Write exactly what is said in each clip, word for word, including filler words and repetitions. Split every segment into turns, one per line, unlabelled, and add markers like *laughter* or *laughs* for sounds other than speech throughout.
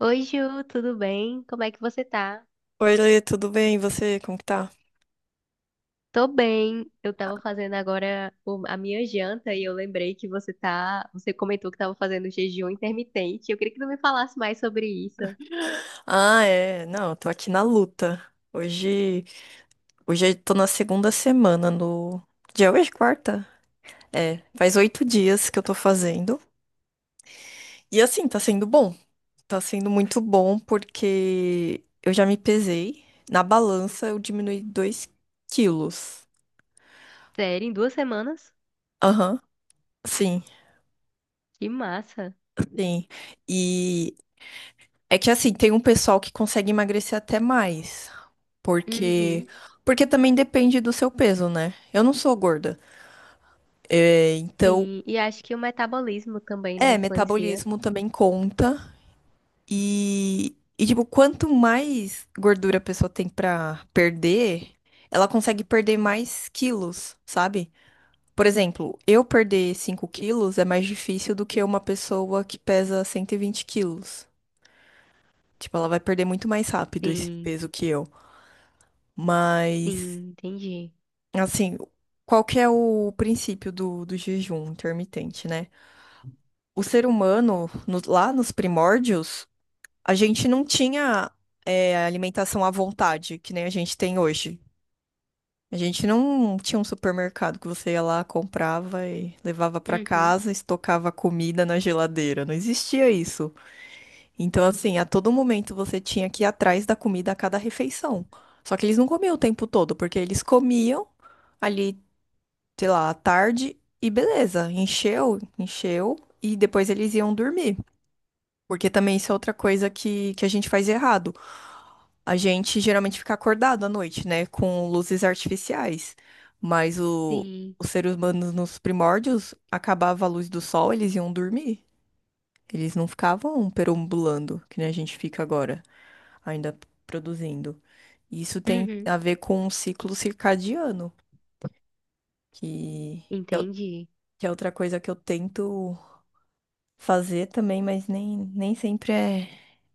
Oi, Ju, tudo bem? Como é que você tá?
Oi, Lê, tudo bem? E você, como que tá?
Tô bem. Eu tava fazendo agora o- a minha janta e eu lembrei que você tá, você comentou que tava fazendo jejum intermitente. Eu queria que tu me falasse mais sobre isso.
Ah, é, não, eu tô aqui na luta. Hoje, hoje eu tô na segunda semana no. Dia hoje, quarta? É, faz oito dias que eu tô fazendo. E assim, tá sendo bom. Tá sendo muito bom porque eu já me pesei. Na balança eu diminui dois quilos.
Sério, em duas semanas?
Aham, sim,
Que massa.
sim. E é que assim, tem um pessoal que consegue emagrecer até mais. Porque,
Uhum.
porque também depende do seu peso, né? Eu não sou gorda. É, então,
Sim, e acho que o metabolismo também, né,
é,
influencia.
metabolismo também conta. E, e, tipo, quanto mais gordura a pessoa tem pra perder, ela consegue perder mais quilos, sabe? Por exemplo, eu perder cinco quilos é mais difícil do que uma pessoa que pesa cento e vinte quilos. Tipo, ela vai perder muito mais rápido esse
Sim,
peso que eu. Mas
sim, entendi.
assim, qual que é o princípio do, do jejum intermitente, né? O ser humano, no- lá nos primórdios, a gente não tinha, é, alimentação à vontade, que nem a gente tem hoje. A gente não tinha um supermercado que você ia lá, comprava e levava para
Uhum.
casa, estocava a comida na geladeira. Não existia isso. Então, assim, a todo momento você tinha que ir atrás da comida a cada refeição. Só que eles não comiam o tempo todo, porque eles comiam ali, sei lá, à tarde e beleza, encheu, encheu e depois eles iam dormir. Porque também isso é outra coisa que, que a gente faz errado. A gente geralmente fica acordado à noite, né, com luzes artificiais. Mas o,
Sim.
os seres humanos nos primórdios, acabava a luz do sol, eles iam dormir. Eles não ficavam perambulando, que nem a gente fica agora, ainda produzindo. E isso tem
Uhum.
a ver com o ciclo circadiano, que,
Entendi.
que é outra coisa que eu tento fazer também, mas nem, nem sempre é,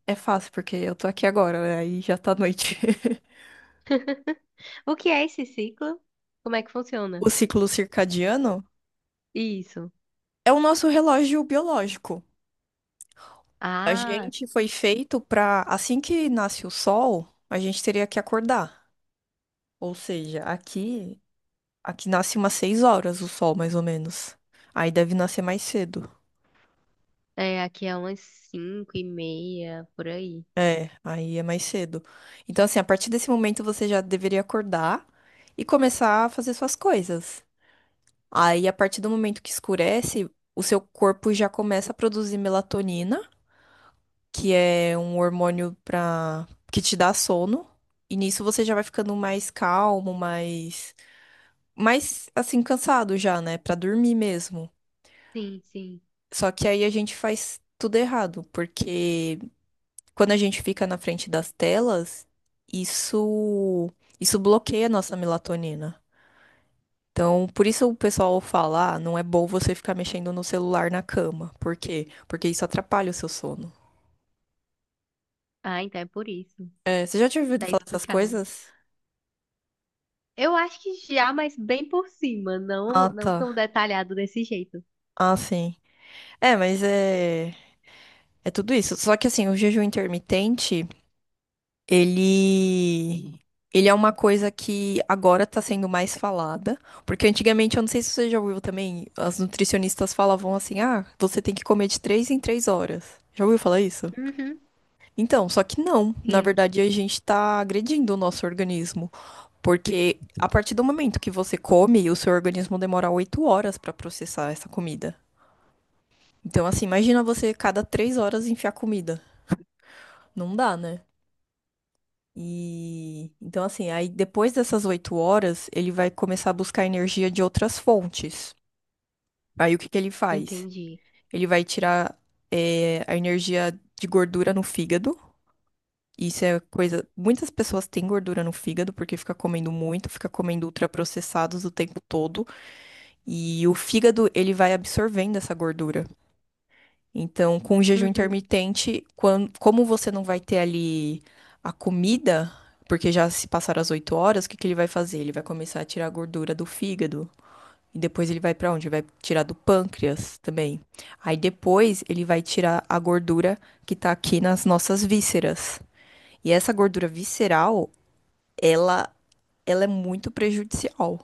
é fácil, porque eu tô aqui agora, né? Aí já tá noite. *laughs*
*laughs* O que é esse ciclo? Como é que
O
funciona?
ciclo circadiano
Isso.
é o nosso relógio biológico. A
Ah,
gente foi feito pra, assim que nasce o sol, a gente teria que acordar. Ou seja, aqui, aqui nasce umas seis horas o sol, mais ou menos. Aí deve nascer mais cedo.
é, aqui é umas cinco e meia, por aí.
É, aí é mais cedo. Então, assim, a partir desse momento você já deveria acordar e começar a fazer suas coisas. Aí, a partir do momento que escurece, o seu corpo já começa a produzir melatonina, que é um hormônio para que te dá sono. E nisso você já vai ficando mais calmo, mais, mais assim cansado já, né, pra dormir mesmo.
Sim, sim.
Só que aí a gente faz tudo errado, porque quando a gente fica na frente das telas, isso isso bloqueia a nossa melatonina. Então, por isso o pessoal fala, ah, não é bom você ficar mexendo no celular na cama. Por quê? Porque isso atrapalha o seu sono.
Ah, então é por isso.
É, você já tinha ouvido
Tá
falar essas
explicado.
coisas?
Eu acho que já, mas bem por cima,
Ah,
não, não tão
tá.
detalhado desse jeito.
Ah, sim. É, mas é, é tudo isso. Só que assim, o jejum intermitente, ele ele é uma coisa que agora tá sendo mais falada, porque antigamente, eu não sei se você já ouviu também, as nutricionistas falavam assim: "Ah, você tem que comer de três em três horas". Já ouviu falar isso?
Uhum.
Então, só que não. Na
Sim,
verdade, a gente está agredindo o nosso organismo, porque a partir do momento que você come, o seu organismo demora oito horas para processar essa comida. Então, assim, imagina você cada três horas enfiar comida. Não dá, né? E então, assim, aí depois dessas oito horas, ele vai começar a buscar energia de outras fontes. Aí o que que ele faz?
entendi.
Ele vai tirar eh, a energia de gordura no fígado. Isso é coisa. Muitas pessoas têm gordura no fígado porque fica comendo muito, fica comendo ultraprocessados o tempo todo. E o fígado, ele vai absorvendo essa gordura. Então, com o jejum
Uhum.
intermitente, quan- como você não vai ter ali a comida, porque já se passaram as oito horas, o que que ele vai fazer? Ele vai começar a tirar a gordura do fígado. E depois ele vai para onde? Vai tirar do pâncreas também. Aí depois ele vai tirar a gordura que tá aqui nas nossas vísceras. E essa gordura visceral ela, ela é muito prejudicial.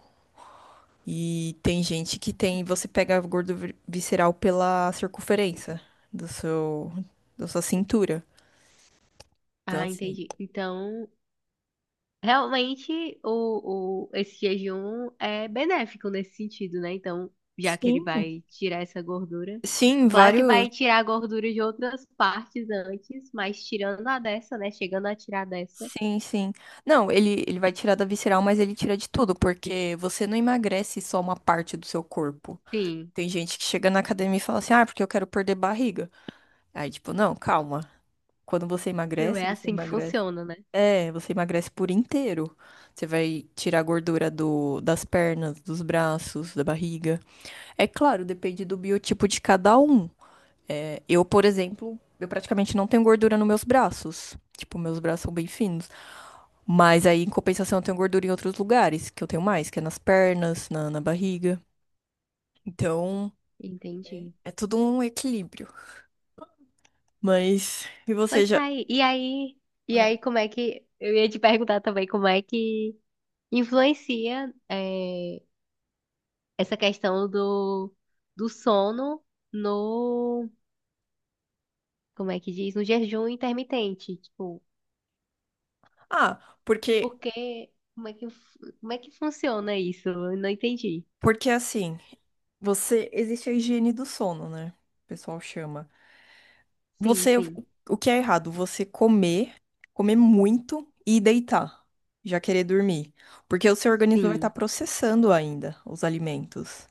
E tem gente que tem, você pega gordo vi- visceral pela circunferência do seu, da sua cintura. Então,
Ah,
assim.
entendi. Então, realmente, o, o, esse jejum é benéfico nesse sentido, né? Então, já que ele
Sim.
vai tirar essa gordura.
Sim,
Claro que
vários.
vai tirar a gordura de outras partes antes, mas tirando a dessa, né? Chegando a tirar dessa.
Sim, sim. Não, ele, ele vai tirar da visceral, mas ele tira de tudo, porque você não emagrece só uma parte do seu corpo.
Sim,
Tem gente que chega na academia e fala assim, ah, porque eu quero perder barriga. Aí, tipo, não, calma. Quando você
meu,
emagrece,
é
você
assim que
emagrece.
funciona, né?
É, você emagrece por inteiro. Você vai tirar a gordura do, das pernas, dos braços, da barriga. É claro, depende do biotipo de cada um. É, eu, por exemplo, eu praticamente não tenho gordura nos meus braços. Tipo, meus braços são bem finos. Mas aí, em compensação, eu tenho gordura em outros lugares, que eu tenho mais, que é nas pernas, na, na barriga. Então, é
Entendi.
é tudo um equilíbrio. Mas, e você
Pois
já.
tá aí. E aí, e aí como é que, eu ia te perguntar também como é que influencia eh, essa questão do, do sono no, como é que diz, no jejum intermitente, tipo,
Ah, porque,
porque, como é que, fu- como é que funciona isso? Eu não entendi.
porque assim. Você, existe a higiene do sono, né? O pessoal chama.
Sim,
Você,
sim,
o que é errado? Você comer, comer muito e deitar, já querer dormir. Porque o seu organismo vai estar
sim,
processando ainda os alimentos.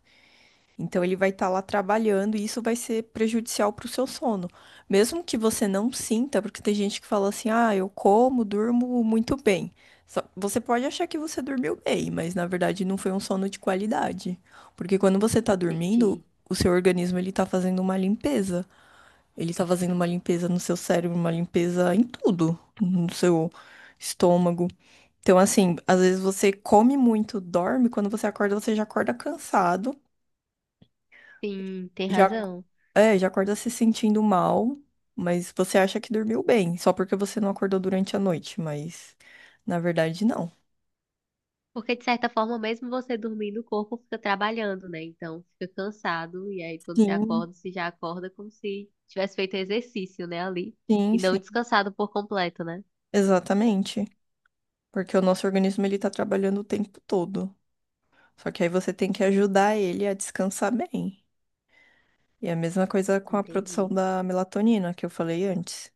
Então ele vai estar lá trabalhando e isso vai ser prejudicial para o seu sono. Mesmo que você não sinta, porque tem gente que fala assim: ah, eu como, durmo muito bem. Só. Você pode achar que você dormiu bem, mas na verdade não foi um sono de qualidade. Porque quando você está dormindo,
entendi.
o seu organismo ele está fazendo uma limpeza. Ele está fazendo uma limpeza no seu cérebro, uma limpeza em tudo, no seu estômago. Então, assim, às vezes você come muito, dorme, quando você acorda, você já acorda cansado.
Sim, tem
Já,
razão.
é, já acorda se sentindo mal, mas você acha que dormiu bem, só porque você não acordou durante a noite, mas na verdade não.
Porque, de certa forma, mesmo você dormindo, o corpo fica trabalhando, né? Então, fica cansado. E aí, quando você
Sim,
acorda, você já acorda como se tivesse feito exercício, né? Ali.
sim,
E não
sim.
descansado por completo, né?
Exatamente. Porque o nosso organismo ele tá trabalhando o tempo todo. Só que aí você tem que ajudar ele a descansar bem. E a mesma coisa com a produção
Entendi.
da melatonina que eu falei antes,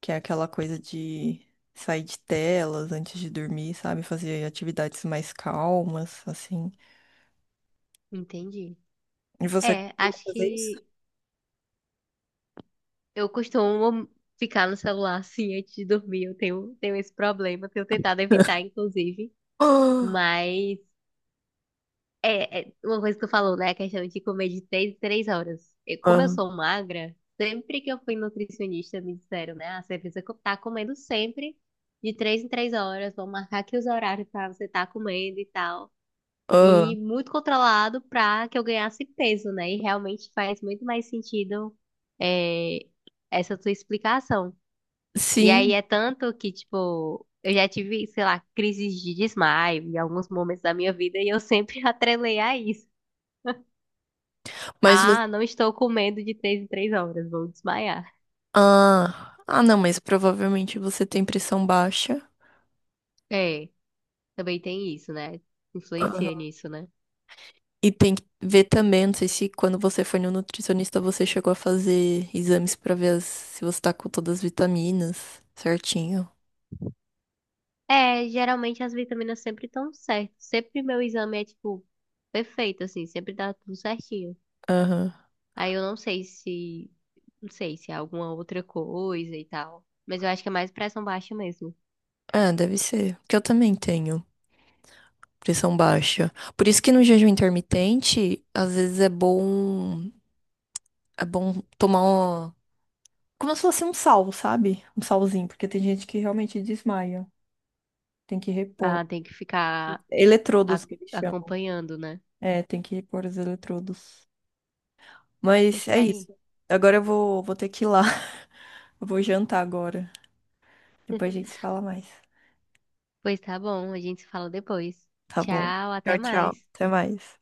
que é aquela coisa de sair de telas antes de dormir, sabe? Fazer atividades mais calmas, assim.
Entendi.
E você
É,
costuma
acho
fazer isso?
que eu costumo ficar no celular, assim, antes de dormir. Eu tenho, tenho esse problema. Tenho tentado evitar, inclusive.
Ah,
Mas É, é uma coisa que tu falou, né? A questão de comer de três em três horas. Eu- como eu
ah,
sou magra, sempre que eu fui nutricionista, me disseram, né? Ah, você precisa co- tá comendo sempre de três em três horas. Vão marcar aqui os horários pra você estar comendo e tal.
ah.
E muito controlado pra que eu ganhasse peso, né? E realmente faz muito mais sentido, é, essa tua explicação. E aí
Sim,
é tanto que, tipo, eu já tive, sei lá, crises de desmaio em alguns momentos da minha vida e eu sempre *laughs* atrelei a isso.
mas vo-
Ah, não estou comendo de três em três horas, vou desmaiar.
ah, ah, não, mas provavelmente você tem pressão baixa.
É, também tem isso, né? Influencia
Aham.
nisso, né?
E tem que ver também, não sei se quando você foi no nutricionista você chegou a fazer exames pra ver as- se você tá com todas as vitaminas certinho.
É, geralmente as vitaminas sempre estão certas. Sempre meu exame é, tipo, perfeito, assim, sempre dá tudo certinho.
Aham.
Aí eu não sei se, não sei se é alguma outra coisa e tal. Mas eu acho que é mais pressão baixa mesmo.
Ah, deve ser. Porque eu também tenho pressão baixa. Por isso que no jejum intermitente, às vezes é bom, é bom tomar como se fosse um sal, sabe? Um salzinho, porque tem gente que realmente desmaia. Tem que repor.
Ah, tem que ficar a-
Eletrodos que eles chamam.
acompanhando, né?
É, tem que repor os eletrodos. Mas
Pois
é
tá aí.
isso. Agora eu vou, vou ter que ir lá. *laughs* Eu vou jantar agora. Depois a gente
*laughs*
se fala mais.
Pois tá bom, a gente se fala depois.
Tá bom.
Tchau, até
Tchau, tchau.
mais.
Até mais.